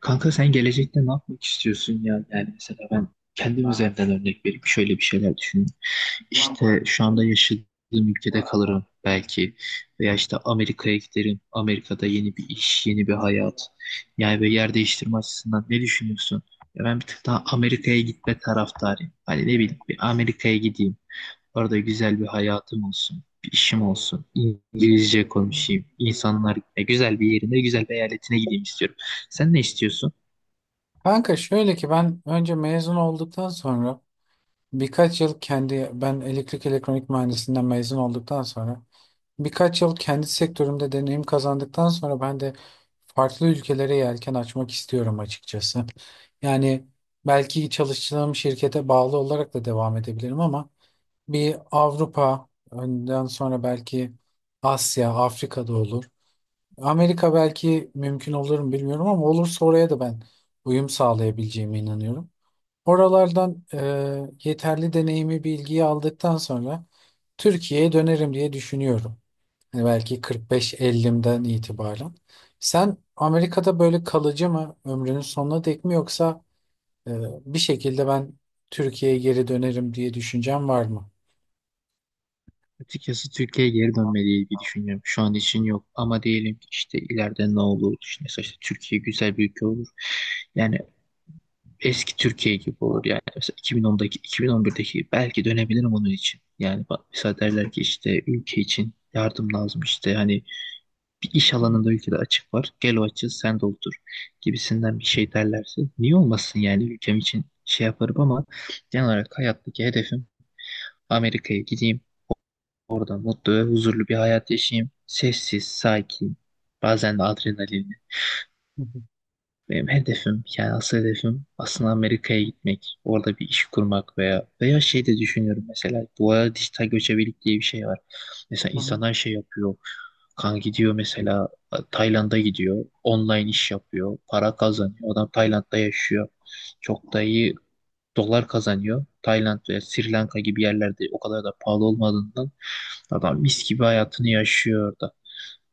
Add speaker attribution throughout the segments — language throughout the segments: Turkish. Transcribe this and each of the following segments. Speaker 1: Kanka sen gelecekte ne yapmak istiyorsun ya? Yani mesela ben kendim üzerinden örnek vereyim. Şöyle bir şeyler düşünün. İşte şu anda yaşadığım ülkede kalırım belki. Veya işte Amerika'ya giderim. Amerika'da yeni bir iş, yeni bir hayat. Yani böyle yer değiştirme açısından ne düşünüyorsun? Ya ben bir tık daha Amerika'ya gitme taraftarıyım. Hani ne bileyim bir Amerika'ya gideyim. Orada güzel bir hayatım olsun. Bir işim olsun. İngilizce konuşayım. İnsanlar ya güzel bir yerine, güzel bir eyaletine gideyim istiyorum. Sen ne istiyorsun?
Speaker 2: Kanka şöyle ki ben elektrik elektronik mühendisliğinden mezun olduktan sonra birkaç yıl kendi sektörümde deneyim kazandıktan sonra ben de farklı ülkelere yelken açmak istiyorum açıkçası. Yani belki çalıştığım şirkete bağlı olarak da devam edebilirim ama bir Avrupa önden sonra belki Asya, Afrika'da olur. Amerika belki mümkün olur mu bilmiyorum ama olursa oraya da ben uyum sağlayabileceğime inanıyorum. Oralardan yeterli deneyimi, bilgiyi aldıktan sonra Türkiye'ye dönerim diye düşünüyorum. Hani belki 45-50'den itibaren. Sen Amerika'da böyle kalıcı mı ömrünün sonuna dek mi yoksa e, bir şekilde ben Türkiye'ye geri dönerim diye düşüncen var mı?
Speaker 1: Açıkçası Türkiye'ye geri dönmeliyiz bir düşünüyorum. Şu an için yok ama diyelim ki işte ileride ne olur? İşte mesela işte Türkiye güzel bir ülke olur. Yani eski Türkiye gibi olur yani. Mesela 2010'daki, 2011'deki belki dönebilirim onun için. Yani bak mesela derler ki işte ülke için yardım lazım işte hani bir iş alanında ülkede açık var. Gel o açığı sen doldur gibisinden bir şey derlerse niye olmasın yani ülkem için şey yaparım ama genel olarak hayattaki hedefim Amerika'ya gideyim. Orada mutlu ve huzurlu bir hayat yaşayayım. Sessiz, sakin, bazen de adrenalinli.
Speaker 2: Hı hı.
Speaker 1: Benim hedefim, yani asıl hedefim aslında Amerika'ya gitmek. Orada bir iş kurmak veya şey de düşünüyorum mesela. Bu arada dijital göçebelik diye bir şey var. Mesela
Speaker 2: Hı hı.
Speaker 1: insanlar şey yapıyor. Kan gidiyor mesela Tayland'a gidiyor. Online iş yapıyor. Para kazanıyor. Adam Tayland'da yaşıyor. Çok da iyi dolar kazanıyor. Tayland ve Sri Lanka gibi yerlerde o kadar da pahalı olmadığından adam mis gibi hayatını yaşıyor orada.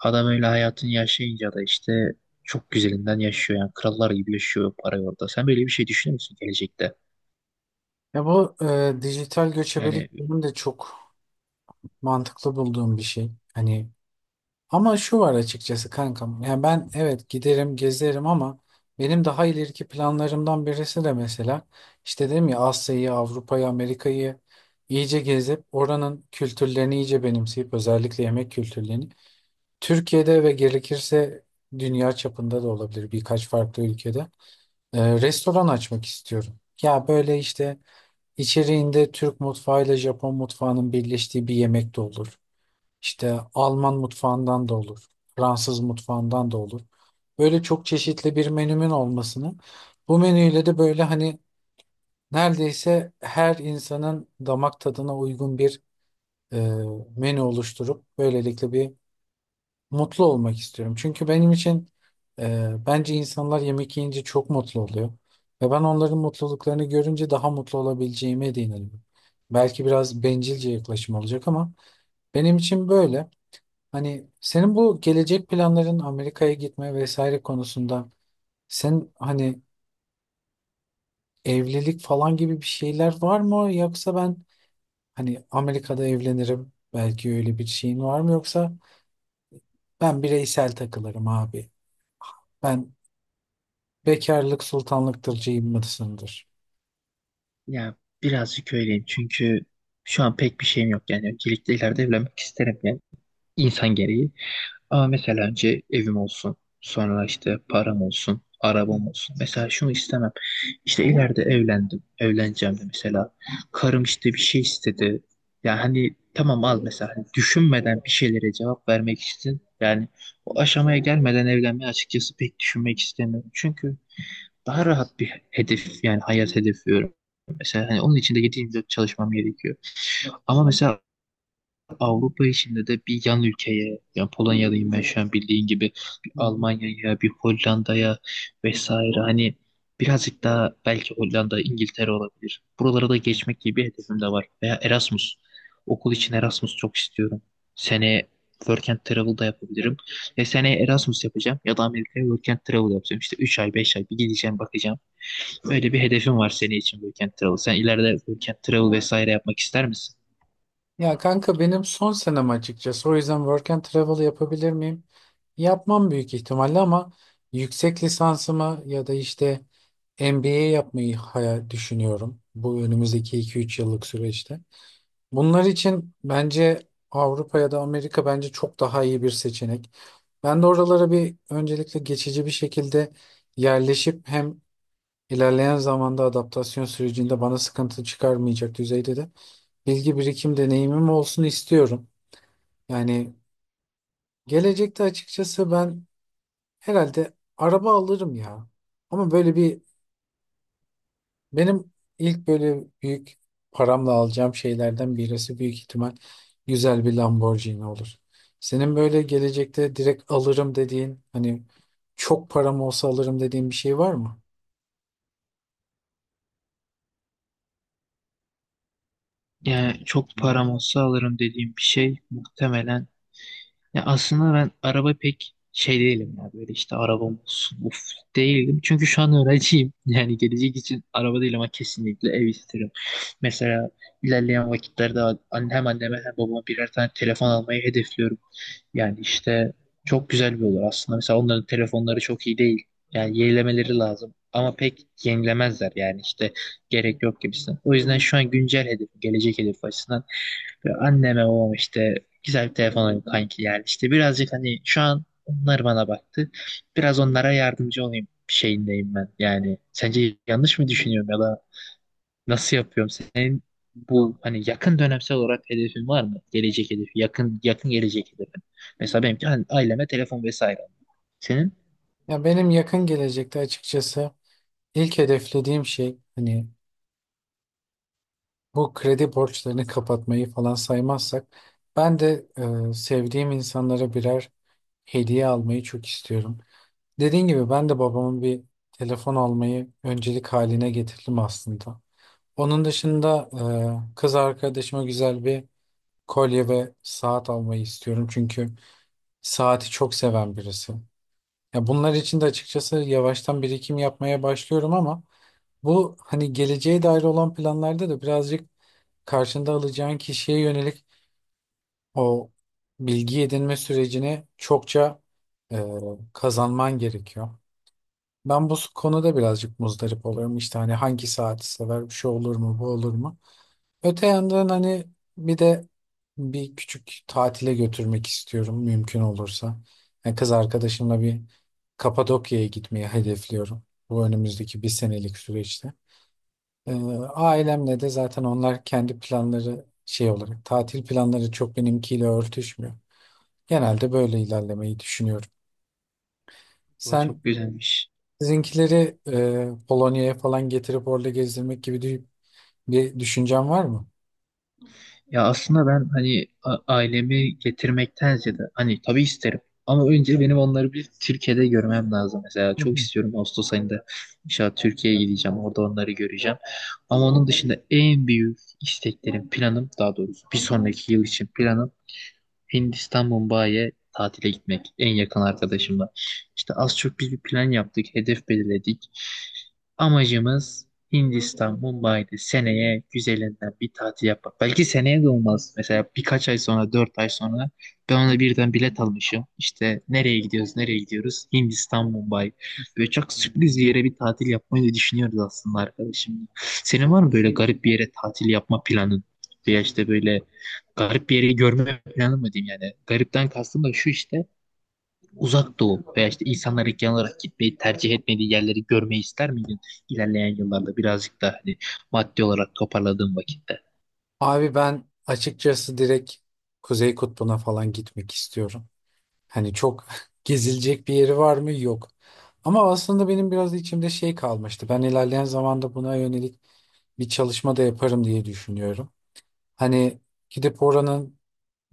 Speaker 1: Adam öyle hayatını yaşayınca da işte çok güzelinden yaşıyor yani krallar gibi yaşıyor parayı orada. Sen böyle bir şey düşünüyor musun gelecekte?
Speaker 2: Ya bu dijital
Speaker 1: Yani
Speaker 2: göçebelik benim de çok mantıklı bulduğum bir şey. Hani ama şu var açıkçası kankam. Yani ben evet giderim gezerim ama benim daha ileriki planlarımdan birisi de mesela işte dedim ya Asya'yı, Avrupa'yı, Amerika'yı iyice gezip oranın kültürlerini iyice benimseyip özellikle yemek kültürlerini Türkiye'de ve gerekirse dünya çapında da olabilir birkaç farklı ülkede restoran açmak istiyorum. Ya böyle işte içeriğinde Türk mutfağıyla Japon mutfağının birleştiği bir yemek de olur. İşte Alman mutfağından da olur, Fransız mutfağından da olur. Böyle çok çeşitli bir menümün olmasını, bu menüyle de böyle hani neredeyse her insanın damak tadına uygun bir e, menü oluşturup böylelikle bir mutlu olmak istiyorum. Çünkü benim için bence insanlar yemek yiyince çok mutlu oluyor. Ve ben onların mutluluklarını görünce daha mutlu olabileceğime de inanıyorum. Belki biraz bencilce yaklaşım olacak ama benim için böyle. Hani senin bu gelecek planların Amerika'ya gitme vesaire konusunda sen hani evlilik falan gibi bir şeyler var mı? Yoksa ben hani Amerika'da evlenirim belki öyle bir şeyin var mı? Yoksa ben bireysel takılırım abi. Ben bekarlık sultanlıktırcıyım mısındır?
Speaker 1: ya birazcık öyleyim çünkü şu an pek bir şeyim yok yani öncelikle ileride evlenmek isterim yani insan gereği. Ama mesela önce evim olsun sonra işte param olsun arabam olsun. Mesela şunu istemem. İşte ileride evlendim, evleneceğim de mesela. Karım işte bir şey istedi. Yani hani tamam al mesela. Hani düşünmeden bir şeylere cevap vermek için yani o aşamaya gelmeden evlenmeyi açıkçası pek düşünmek istemiyorum. Çünkü daha rahat bir hedef yani hayat hedefi. Mesela hani onun için de 7-24 çalışmam gerekiyor. Ama mesela Avrupa içinde de bir yan ülkeye, yani Polonya'dayım ben şu an bildiğin gibi, bir Almanya'ya, bir Hollanda'ya vesaire hani birazcık daha belki Hollanda, İngiltere olabilir. Buralara da geçmek gibi bir hedefim de var. Veya Erasmus. Okul için Erasmus çok istiyorum. Seneye Work and Travel da yapabilirim. Ve seneye Erasmus yapacağım ya da Amerika'ya Work and Travel yapacağım. İşte 3 ay, 5 ay bir gideceğim bakacağım. Öyle bir hedefim var senin için Work and Travel. Sen ileride Work and Travel vesaire yapmak ister misin?
Speaker 2: Ya kanka benim son senem açıkçası. O yüzden work and travel yapabilir miyim? Yapmam büyük ihtimalle ama yüksek lisansımı ya da işte MBA yapmayı hayal düşünüyorum. Bu önümüzdeki 2-3 yıllık süreçte. Bunlar için bence Avrupa ya da Amerika bence çok daha iyi bir seçenek. Ben de oralara bir öncelikle geçici bir şekilde yerleşip hem ilerleyen zamanda adaptasyon sürecinde bana sıkıntı çıkarmayacak düzeyde de bilgi birikim deneyimim olsun istiyorum. Yani gelecekte açıkçası ben herhalde araba alırım ya. Ama böyle bir benim ilk böyle büyük paramla alacağım şeylerden birisi büyük ihtimal güzel bir Lamborghini olur. Senin böyle gelecekte direkt alırım dediğin hani çok param olsa alırım dediğin bir şey var mı?
Speaker 1: Yani çok param olsa alırım dediğim bir şey muhtemelen. Ya aslında ben araba pek şey değilim ya böyle işte arabam olsun uf değilim. Çünkü şu an öğrenciyim. Yani gelecek için araba değil ama kesinlikle ev isterim. Mesela ilerleyen vakitlerde hem anneme hem babama birer tane telefon almayı hedefliyorum. Yani işte çok güzel bir olur aslında. Mesela onların telefonları çok iyi değil. Yani yenilemeleri lazım. Ama pek yenilemezler yani işte gerek yok gibisinden. O yüzden şu an güncel hedef, gelecek hedef açısından ve anneme babam işte güzel bir telefon alayım kanki yani işte birazcık hani şu an onlar bana baktı. Biraz onlara yardımcı olayım şeyindeyim ben. Yani sence yanlış mı düşünüyorum ya da nasıl yapıyorum? Senin bu
Speaker 2: Yok.
Speaker 1: hani yakın dönemsel olarak hedefin var mı? Gelecek hedefi, yakın gelecek hedefin. Mesela benimki hani aileme telefon vesaire. Senin?
Speaker 2: Ya benim yakın gelecekte açıkçası ilk hedeflediğim şey hani bu kredi borçlarını kapatmayı falan saymazsak ben de sevdiğim insanlara birer hediye almayı çok istiyorum. Dediğin gibi ben de babamın bir telefon almayı öncelik haline getirdim aslında. Onun dışında kız arkadaşıma güzel bir kolye ve saat almayı istiyorum. Çünkü saati çok seven birisi. Ya bunlar için de açıkçası yavaştan birikim yapmaya başlıyorum ama bu hani geleceğe dair olan planlarda da birazcık karşında alacağın kişiye yönelik o bilgi edinme sürecini çokça e, kazanman gerekiyor. Ben bu konuda birazcık muzdarip oluyorum. İşte hani hangi saati sever, bir şey olur mu, bu olur mu? Öte yandan hani bir de bir küçük tatile götürmek istiyorum mümkün olursa. Yani kız arkadaşımla bir Kapadokya'ya gitmeyi hedefliyorum. Bu önümüzdeki bir senelik süreçte. Ee, Ailemle de zaten onlar kendi planları şey olarak tatil planları çok benimkiyle örtüşmüyor. Genelde böyle ilerlemeyi düşünüyorum.
Speaker 1: Bu da
Speaker 2: Sen
Speaker 1: çok güzelmiş.
Speaker 2: Sizinkileri Polonya'ya falan getirip orada gezdirmek gibi bir düşüncen var mı?
Speaker 1: Ya aslında ben hani ailemi getirmekten ziyade hani tabii isterim. Ama önce benim onları bir Türkiye'de görmem lazım. Mesela
Speaker 2: Hı
Speaker 1: çok
Speaker 2: hı.
Speaker 1: istiyorum Ağustos ayında inşallah Türkiye'ye gideceğim. Orada onları göreceğim. Ama onun dışında en büyük isteklerim, planım daha doğrusu bir sonraki yıl için planım Hindistan Mumbai'ye tatile gitmek en yakın arkadaşımla. İşte az çok biz bir plan yaptık, hedef belirledik. Amacımız Hindistan Mumbai'de seneye güzelinden bir tatil yapmak. Belki seneye de olmaz. Mesela birkaç ay sonra, dört ay sonra ben ona birden bilet almışım. İşte nereye gidiyoruz, nereye gidiyoruz? Hindistan Mumbai. Böyle çok sürpriz bir yere bir tatil yapmayı da düşünüyoruz aslında arkadaşımla. Senin var mı böyle garip bir yere tatil yapma planın? Veya işte böyle garip bir yeri görme planı mı diyeyim yani. Garipten kastım da şu işte uzak doğu veya işte insanlar genel olarak gitmeyi tercih etmediği yerleri görmeyi ister miydin ilerleyen yıllarda birazcık da hani maddi olarak toparladığım vakitte?
Speaker 2: Abi ben açıkçası direkt Kuzey Kutbu'na falan gitmek istiyorum. Hani çok gezilecek bir yeri var mı? Yok. Ama aslında benim biraz içimde şey kalmıştı. Ben ilerleyen zamanda buna yönelik bir çalışma da yaparım diye düşünüyorum. Hani gidip oranın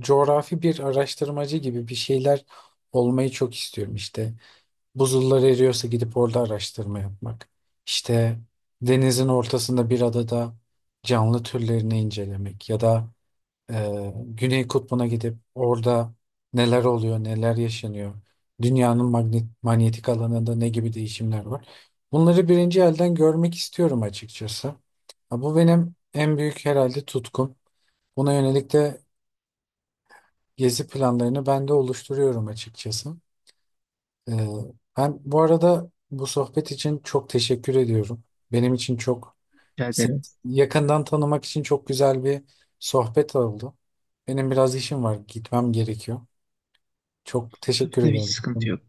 Speaker 2: coğrafi bir araştırmacı gibi bir şeyler olmayı çok istiyorum işte. Buzullar eriyorsa gidip orada araştırma yapmak. İşte denizin ortasında bir adada canlı türlerini incelemek ya da Güney Kutbu'na gidip orada neler oluyor, neler yaşanıyor. Dünyanın magnet, manyetik alanında ne gibi değişimler var. Bunları birinci elden görmek istiyorum açıkçası. Ha, bu benim en büyük herhalde tutkum. Buna yönelik de gezi planlarını ben de oluşturuyorum açıkçası. Ee, Ben bu arada bu sohbet için çok teşekkür ediyorum. Benim için çok
Speaker 1: Rica
Speaker 2: seni
Speaker 1: ederim.
Speaker 2: yakından tanımak için çok güzel bir sohbet oldu. Benim biraz işim var, gitmem gerekiyor. Çok
Speaker 1: Tabii
Speaker 2: teşekkür
Speaker 1: tabii, hiç
Speaker 2: ederim.
Speaker 1: sıkıntı yok.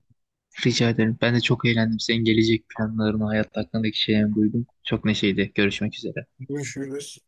Speaker 1: Rica ederim. Ben de çok eğlendim. Senin gelecek planlarını, hayat hakkındaki şeylerini duydum. Çok neşeydi. Görüşmek üzere.
Speaker 2: Görüşürüz.